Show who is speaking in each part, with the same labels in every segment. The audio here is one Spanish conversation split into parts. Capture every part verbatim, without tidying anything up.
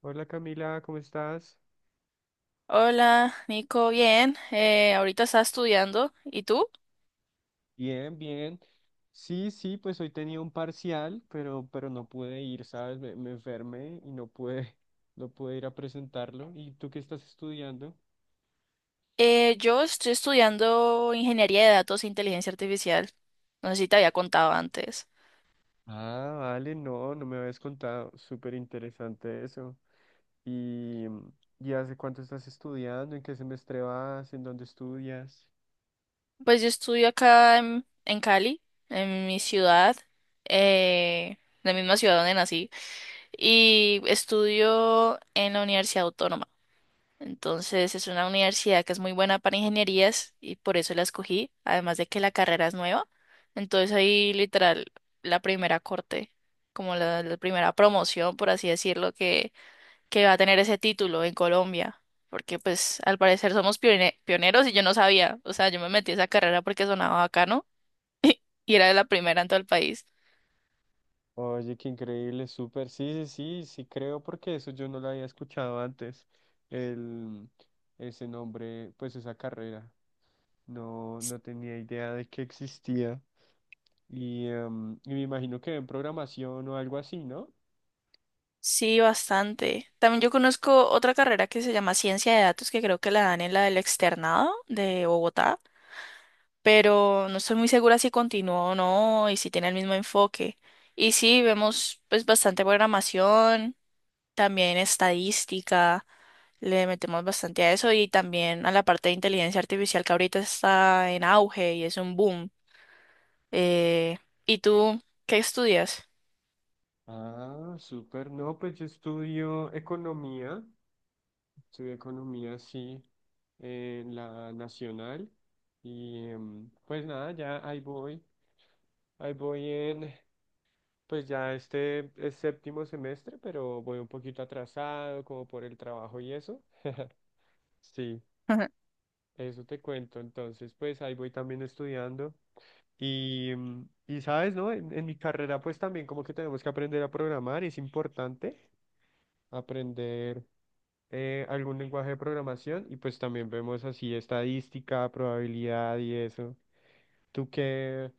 Speaker 1: Hola Camila, ¿cómo estás?
Speaker 2: Hola, Nico, bien. Eh, ahorita está estudiando. ¿Y tú?
Speaker 1: Bien, bien. Sí, sí, pues hoy tenía un parcial, pero, pero no pude ir, ¿sabes? Me, me enfermé y no pude, no pude ir a presentarlo. ¿Y tú qué estás estudiando?
Speaker 2: Eh, yo estoy estudiando ingeniería de datos e inteligencia artificial. No sé si te había contado antes.
Speaker 1: Ah, vale, no, no me habías contado. Súper interesante eso. ¿Y, y hace cuánto estás estudiando? ¿En qué semestre vas? ¿En dónde estudias?
Speaker 2: Pues yo estudio acá en, en Cali, en mi ciudad, eh, la misma ciudad donde nací, y estudio en la Universidad Autónoma. Entonces es una universidad que es muy buena para ingenierías y por eso la escogí, además de que la carrera es nueva. Entonces ahí literal la primera corte, como la, la primera promoción, por así decirlo, que, que va a tener ese título en Colombia. Porque pues al parecer somos pione- pioneros y yo no sabía, o sea, yo me metí a esa carrera porque sonaba bacano y era la primera en todo el país.
Speaker 1: Oye, qué increíble, súper. Sí, sí, sí, sí creo porque eso yo no lo había escuchado antes. El, ese nombre, pues esa carrera. No, no tenía idea de que existía. Y, em, y me imagino que en programación o algo así, ¿no?
Speaker 2: Sí, bastante. También yo conozco otra carrera que se llama Ciencia de Datos, que creo que la dan en la del Externado de Bogotá, pero no estoy muy segura si continúa o no y si tiene el mismo enfoque. Y sí, vemos pues bastante programación, también estadística, le metemos bastante a eso y también a la parte de inteligencia artificial que ahorita está en auge y es un boom. Eh, ¿Y tú qué estudias?
Speaker 1: Ah, súper. No, pues yo estudio economía. Estudio economía, sí, en la nacional. Y em, pues nada, ya ahí voy. Ahí voy en, pues ya este es séptimo semestre, pero voy un poquito atrasado, como por el trabajo y eso. Sí,
Speaker 2: Ujú.
Speaker 1: eso te cuento. Entonces, pues ahí voy también estudiando. Y, mm, y sabes, ¿no? En, en mi carrera, pues también como que tenemos que aprender a programar. Es importante aprender eh, algún lenguaje de programación. Y pues también vemos así estadística, probabilidad y eso. Tú que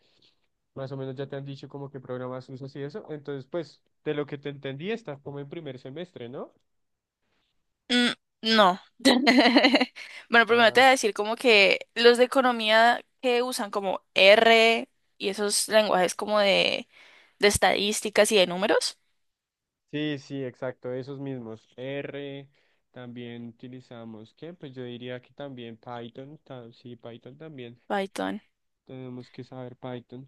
Speaker 1: más o menos ya te han dicho como que programas usas y eso, entonces pues de lo que te entendí estás como en primer semestre, ¿no?
Speaker 2: Mm, no. Bueno, primero te
Speaker 1: Ah,
Speaker 2: voy a decir como que los de economía que usan como R y esos lenguajes como de, de estadísticas y de números.
Speaker 1: sí, sí, exacto, esos mismos. R, también utilizamos, ¿qué? Pues yo diría que también Python, ta- sí, Python también.
Speaker 2: Python.
Speaker 1: Tenemos que saber Python.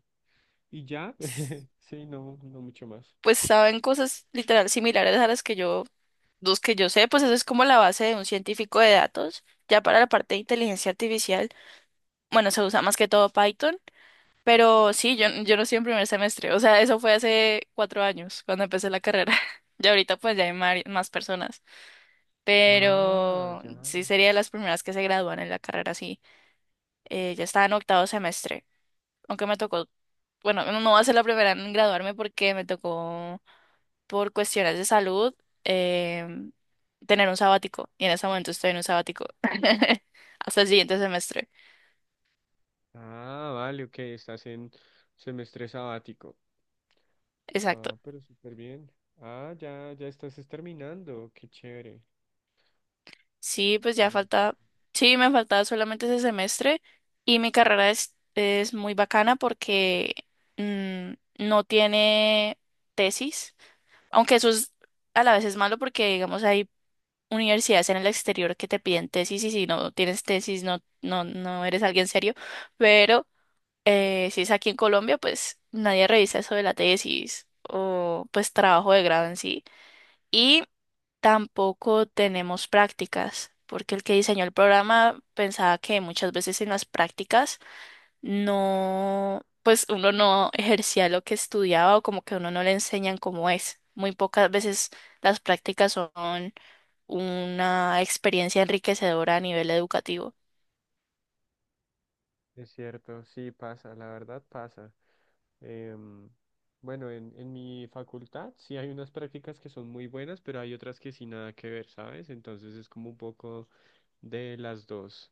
Speaker 1: Y ya, sí, no, no mucho más.
Speaker 2: Pues saben cosas literal similares a las que yo, los que yo sé, pues eso es como la base de un científico de datos. Ya para la parte de inteligencia artificial, bueno, se usa más que todo Python, pero sí, yo, yo no estoy en primer semestre, o sea, eso fue hace cuatro años cuando empecé la carrera. Y ahorita pues ya hay mari- más personas,
Speaker 1: Ah,
Speaker 2: pero
Speaker 1: ya.
Speaker 2: sí sería de las primeras que se gradúan en la carrera, sí. Eh, ya estaba en octavo semestre, aunque me tocó, bueno, no va a ser la primera en graduarme porque me tocó por cuestiones de salud, em, tener un sabático. Y en ese momento estoy en un sabático. Hasta el siguiente semestre.
Speaker 1: Ah, vale, ok, estás en semestre sabático.
Speaker 2: Exacto.
Speaker 1: Ah, pero súper bien. Ah, ya, ya estás es terminando. Qué chévere.
Speaker 2: Sí, pues ya
Speaker 1: No,
Speaker 2: falta. Sí, me faltaba solamente ese semestre. Y mi carrera es, es muy bacana porque mm, no tiene tesis. Aunque eso es, a la vez es malo porque, digamos, hay universidades en el exterior que te piden tesis y si no tienes tesis no, no, no eres alguien serio. Pero Eh, si es aquí en Colombia, pues nadie revisa eso de la tesis o pues trabajo de grado en sí. Y tampoco tenemos prácticas, porque el que diseñó el programa pensaba que muchas veces en las prácticas no, pues uno no ejercía lo que estudiaba o como que a uno no le enseñan cómo es. Muy pocas veces las prácticas son una experiencia enriquecedora a nivel educativo.
Speaker 1: es cierto, sí pasa, la verdad pasa. Em, bueno, en, en mi facultad sí hay unas prácticas que son muy buenas, pero hay otras que sí nada que ver, ¿sabes? Entonces es como un poco de las dos.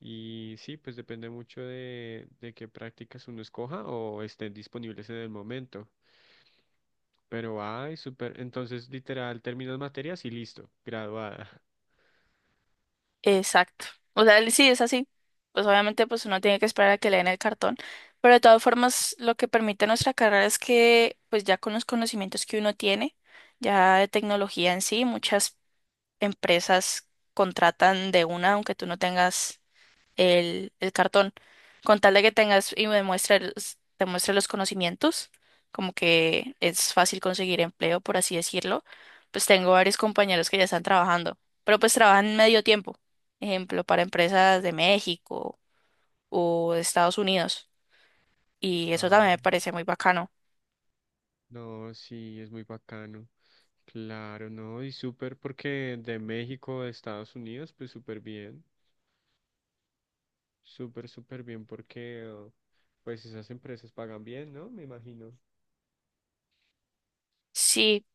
Speaker 1: Y sí, pues depende mucho de, de qué prácticas uno escoja o estén disponibles en el momento. Pero, ay, súper. Entonces, literal, terminas materias y listo, graduada.
Speaker 2: Exacto. O sea, sí, es así. Pues obviamente pues uno tiene que esperar a que le den el cartón. Pero de todas formas, lo que permite nuestra carrera es que pues ya con los conocimientos que uno tiene, ya de tecnología en sí, muchas empresas contratan de una, aunque tú no tengas el, el cartón, con tal de que tengas y me muestre los- te muestre los conocimientos, como que es fácil conseguir empleo, por así decirlo, pues tengo varios compañeros que ya están trabajando, pero pues trabajan medio tiempo, ejemplo, para empresas de México o de Estados Unidos, y eso también
Speaker 1: Ah,
Speaker 2: me parece muy bacano.
Speaker 1: no, sí, es muy bacano. Claro, no, y súper porque de México a Estados Unidos, pues súper bien. Súper, súper bien porque, oh, pues esas empresas pagan bien, ¿no? Me imagino.
Speaker 2: Sí,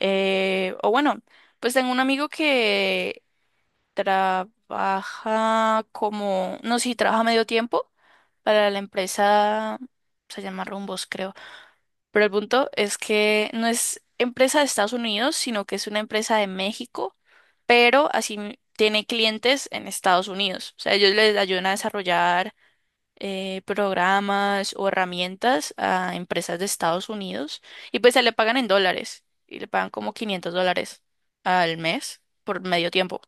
Speaker 2: eh, o bueno, pues tengo un amigo que trabaja como, no, sí, trabaja medio tiempo para la empresa, se llama Rumbos, creo. Pero el punto es que no es empresa de Estados Unidos, sino que es una empresa de México, pero así m- tiene clientes en Estados Unidos. O sea, ellos les ayudan a desarrollar eh, programas o herramientas a empresas de Estados Unidos y pues se le pagan en dólares y le pagan como quinientos dólares al mes por medio tiempo.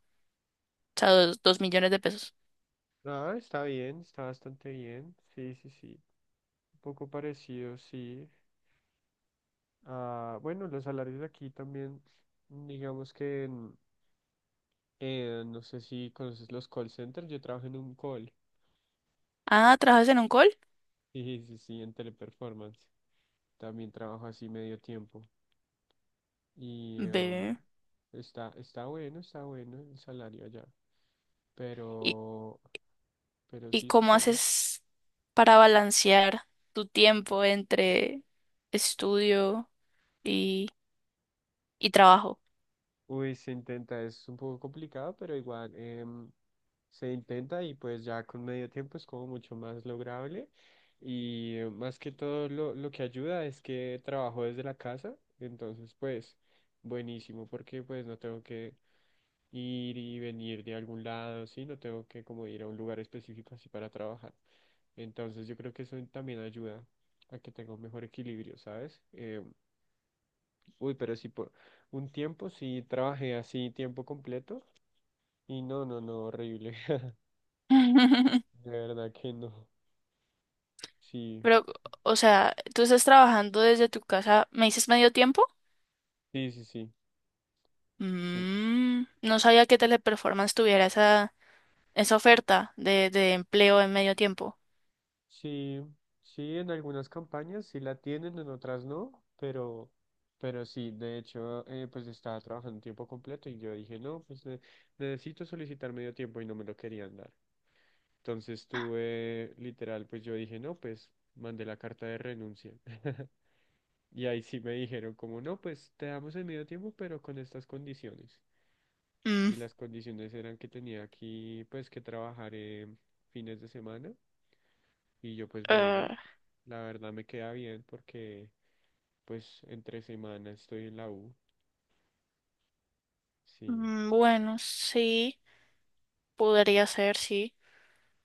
Speaker 2: O sea, dos, dos millones de pesos.
Speaker 1: Ah, está bien, está bastante bien. Sí, sí, sí. Un poco parecido, sí. Ah, bueno, los salarios de aquí también, digamos que... Eh, no sé si conoces los call centers, yo trabajo en un call.
Speaker 2: Ah, ¿trabajas en un call?
Speaker 1: Sí, sí, sí, en Teleperformance. También trabajo así medio tiempo. Y em,
Speaker 2: Ve.
Speaker 1: está, está bueno, está bueno el salario allá.
Speaker 2: ¿Y,
Speaker 1: Pero, pero
Speaker 2: y
Speaker 1: sí,
Speaker 2: cómo
Speaker 1: súper bien.
Speaker 2: haces para balancear tu tiempo entre estudio y, y trabajo?
Speaker 1: Uy, se intenta, es un poco complicado, pero igual em, se intenta y pues ya con medio tiempo es como mucho más lograble. Y eh, más que todo lo, lo que ayuda es que trabajo desde la casa, entonces pues buenísimo porque pues no tengo que ir y venir de algún lado, sí, no tengo que como ir a un lugar específico así para trabajar. Entonces yo creo que eso también ayuda a que tenga un mejor equilibrio, ¿sabes? Eh, Uy, pero sí, por un tiempo sí trabajé así tiempo completo y no, no, no, horrible. De verdad que no. Sí,
Speaker 2: Pero, o sea, ¿tú estás trabajando desde tu casa? ¿Me dices medio tiempo?
Speaker 1: sí, sí, sí, sí.
Speaker 2: Mm, no sabía que Teleperformance tuviera esa, esa oferta de, de empleo en medio tiempo.
Speaker 1: Sí, sí, en algunas campañas sí la tienen, en otras no, pero, pero sí, de hecho, eh, pues estaba trabajando tiempo completo y yo dije, no, pues ne- necesito solicitar medio tiempo y no me lo querían dar. Entonces tuve, literal, pues yo dije, no, pues mandé la carta de renuncia. Y ahí sí me dijeron como, no, pues te damos el medio tiempo, pero con estas condiciones.
Speaker 2: Mm,
Speaker 1: Y las condiciones eran que tenía aquí, pues, que trabajar eh, fines de semana. Y yo, pues,
Speaker 2: eh,
Speaker 1: bueno, la verdad me queda bien porque, pues, entre semana estoy en la U. Sí,
Speaker 2: mm, bueno, sí, podría ser, sí.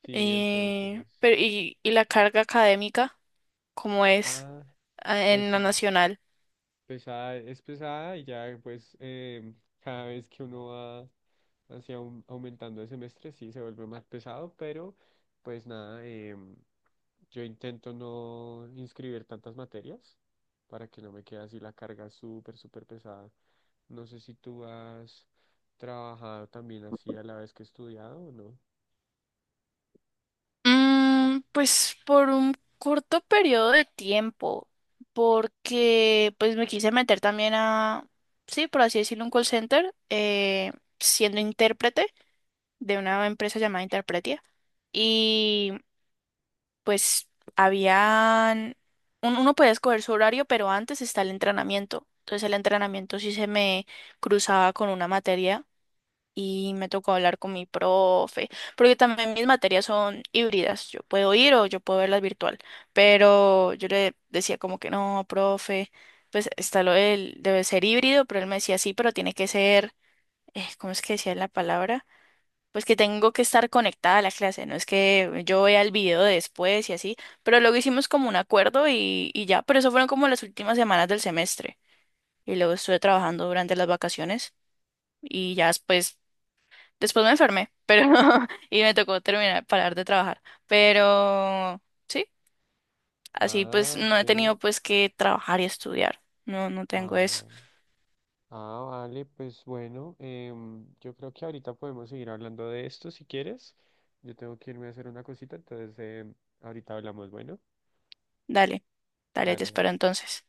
Speaker 1: sí,
Speaker 2: Eh,
Speaker 1: entonces,
Speaker 2: pero, ¿y, y la
Speaker 1: bueno.
Speaker 2: carga académica? ¿Cómo es,
Speaker 1: Ah,
Speaker 2: ah,
Speaker 1: pues
Speaker 2: en la
Speaker 1: sí.
Speaker 2: nacional?
Speaker 1: Pesada, es pesada y ya pues em, cada vez que uno va así aum- aumentando el semestre sí se vuelve más pesado, pero pues nada, em, yo intento no inscribir tantas materias para que no me quede así la carga súper, súper pesada. No sé si tú has trabajado también así a la vez que estudiado o no.
Speaker 2: Mm, pues por un corto periodo de tiempo, porque pues me quise meter también a, sí, por así decirlo, un call center, eh, siendo intérprete de una empresa llamada Interpretia. Y pues habían, un- uno podía escoger su horario, pero antes está el entrenamiento. Entonces el entrenamiento sí se me cruzaba con una materia y me tocó hablar con mi profe, porque también mis materias son híbridas, yo puedo ir o yo puedo verlas virtual, pero yo le decía como que no, profe, pues está lo del, debe ser híbrido, pero él me decía sí, pero tiene que ser, eh, ¿cómo es que decía la palabra? Pues que tengo que estar conectada a la clase, no es que yo vea el video después y así, pero luego hicimos como un acuerdo y, y ya, pero eso fueron como las últimas semanas del semestre. Y luego estuve trabajando durante las vacaciones y ya después después me enfermé, pero y me tocó terminar, parar de trabajar. Pero sí, así pues
Speaker 1: Ah,
Speaker 2: no
Speaker 1: ok.
Speaker 2: he tenido pues que trabajar y estudiar. No, no tengo
Speaker 1: Ah.
Speaker 2: eso.
Speaker 1: Ah, vale, pues bueno, em, yo creo que ahorita podemos seguir hablando de esto si quieres. Yo tengo que irme a hacer una cosita, entonces em, ahorita hablamos, bueno,
Speaker 2: Dale, dale, te
Speaker 1: dale.
Speaker 2: espero entonces.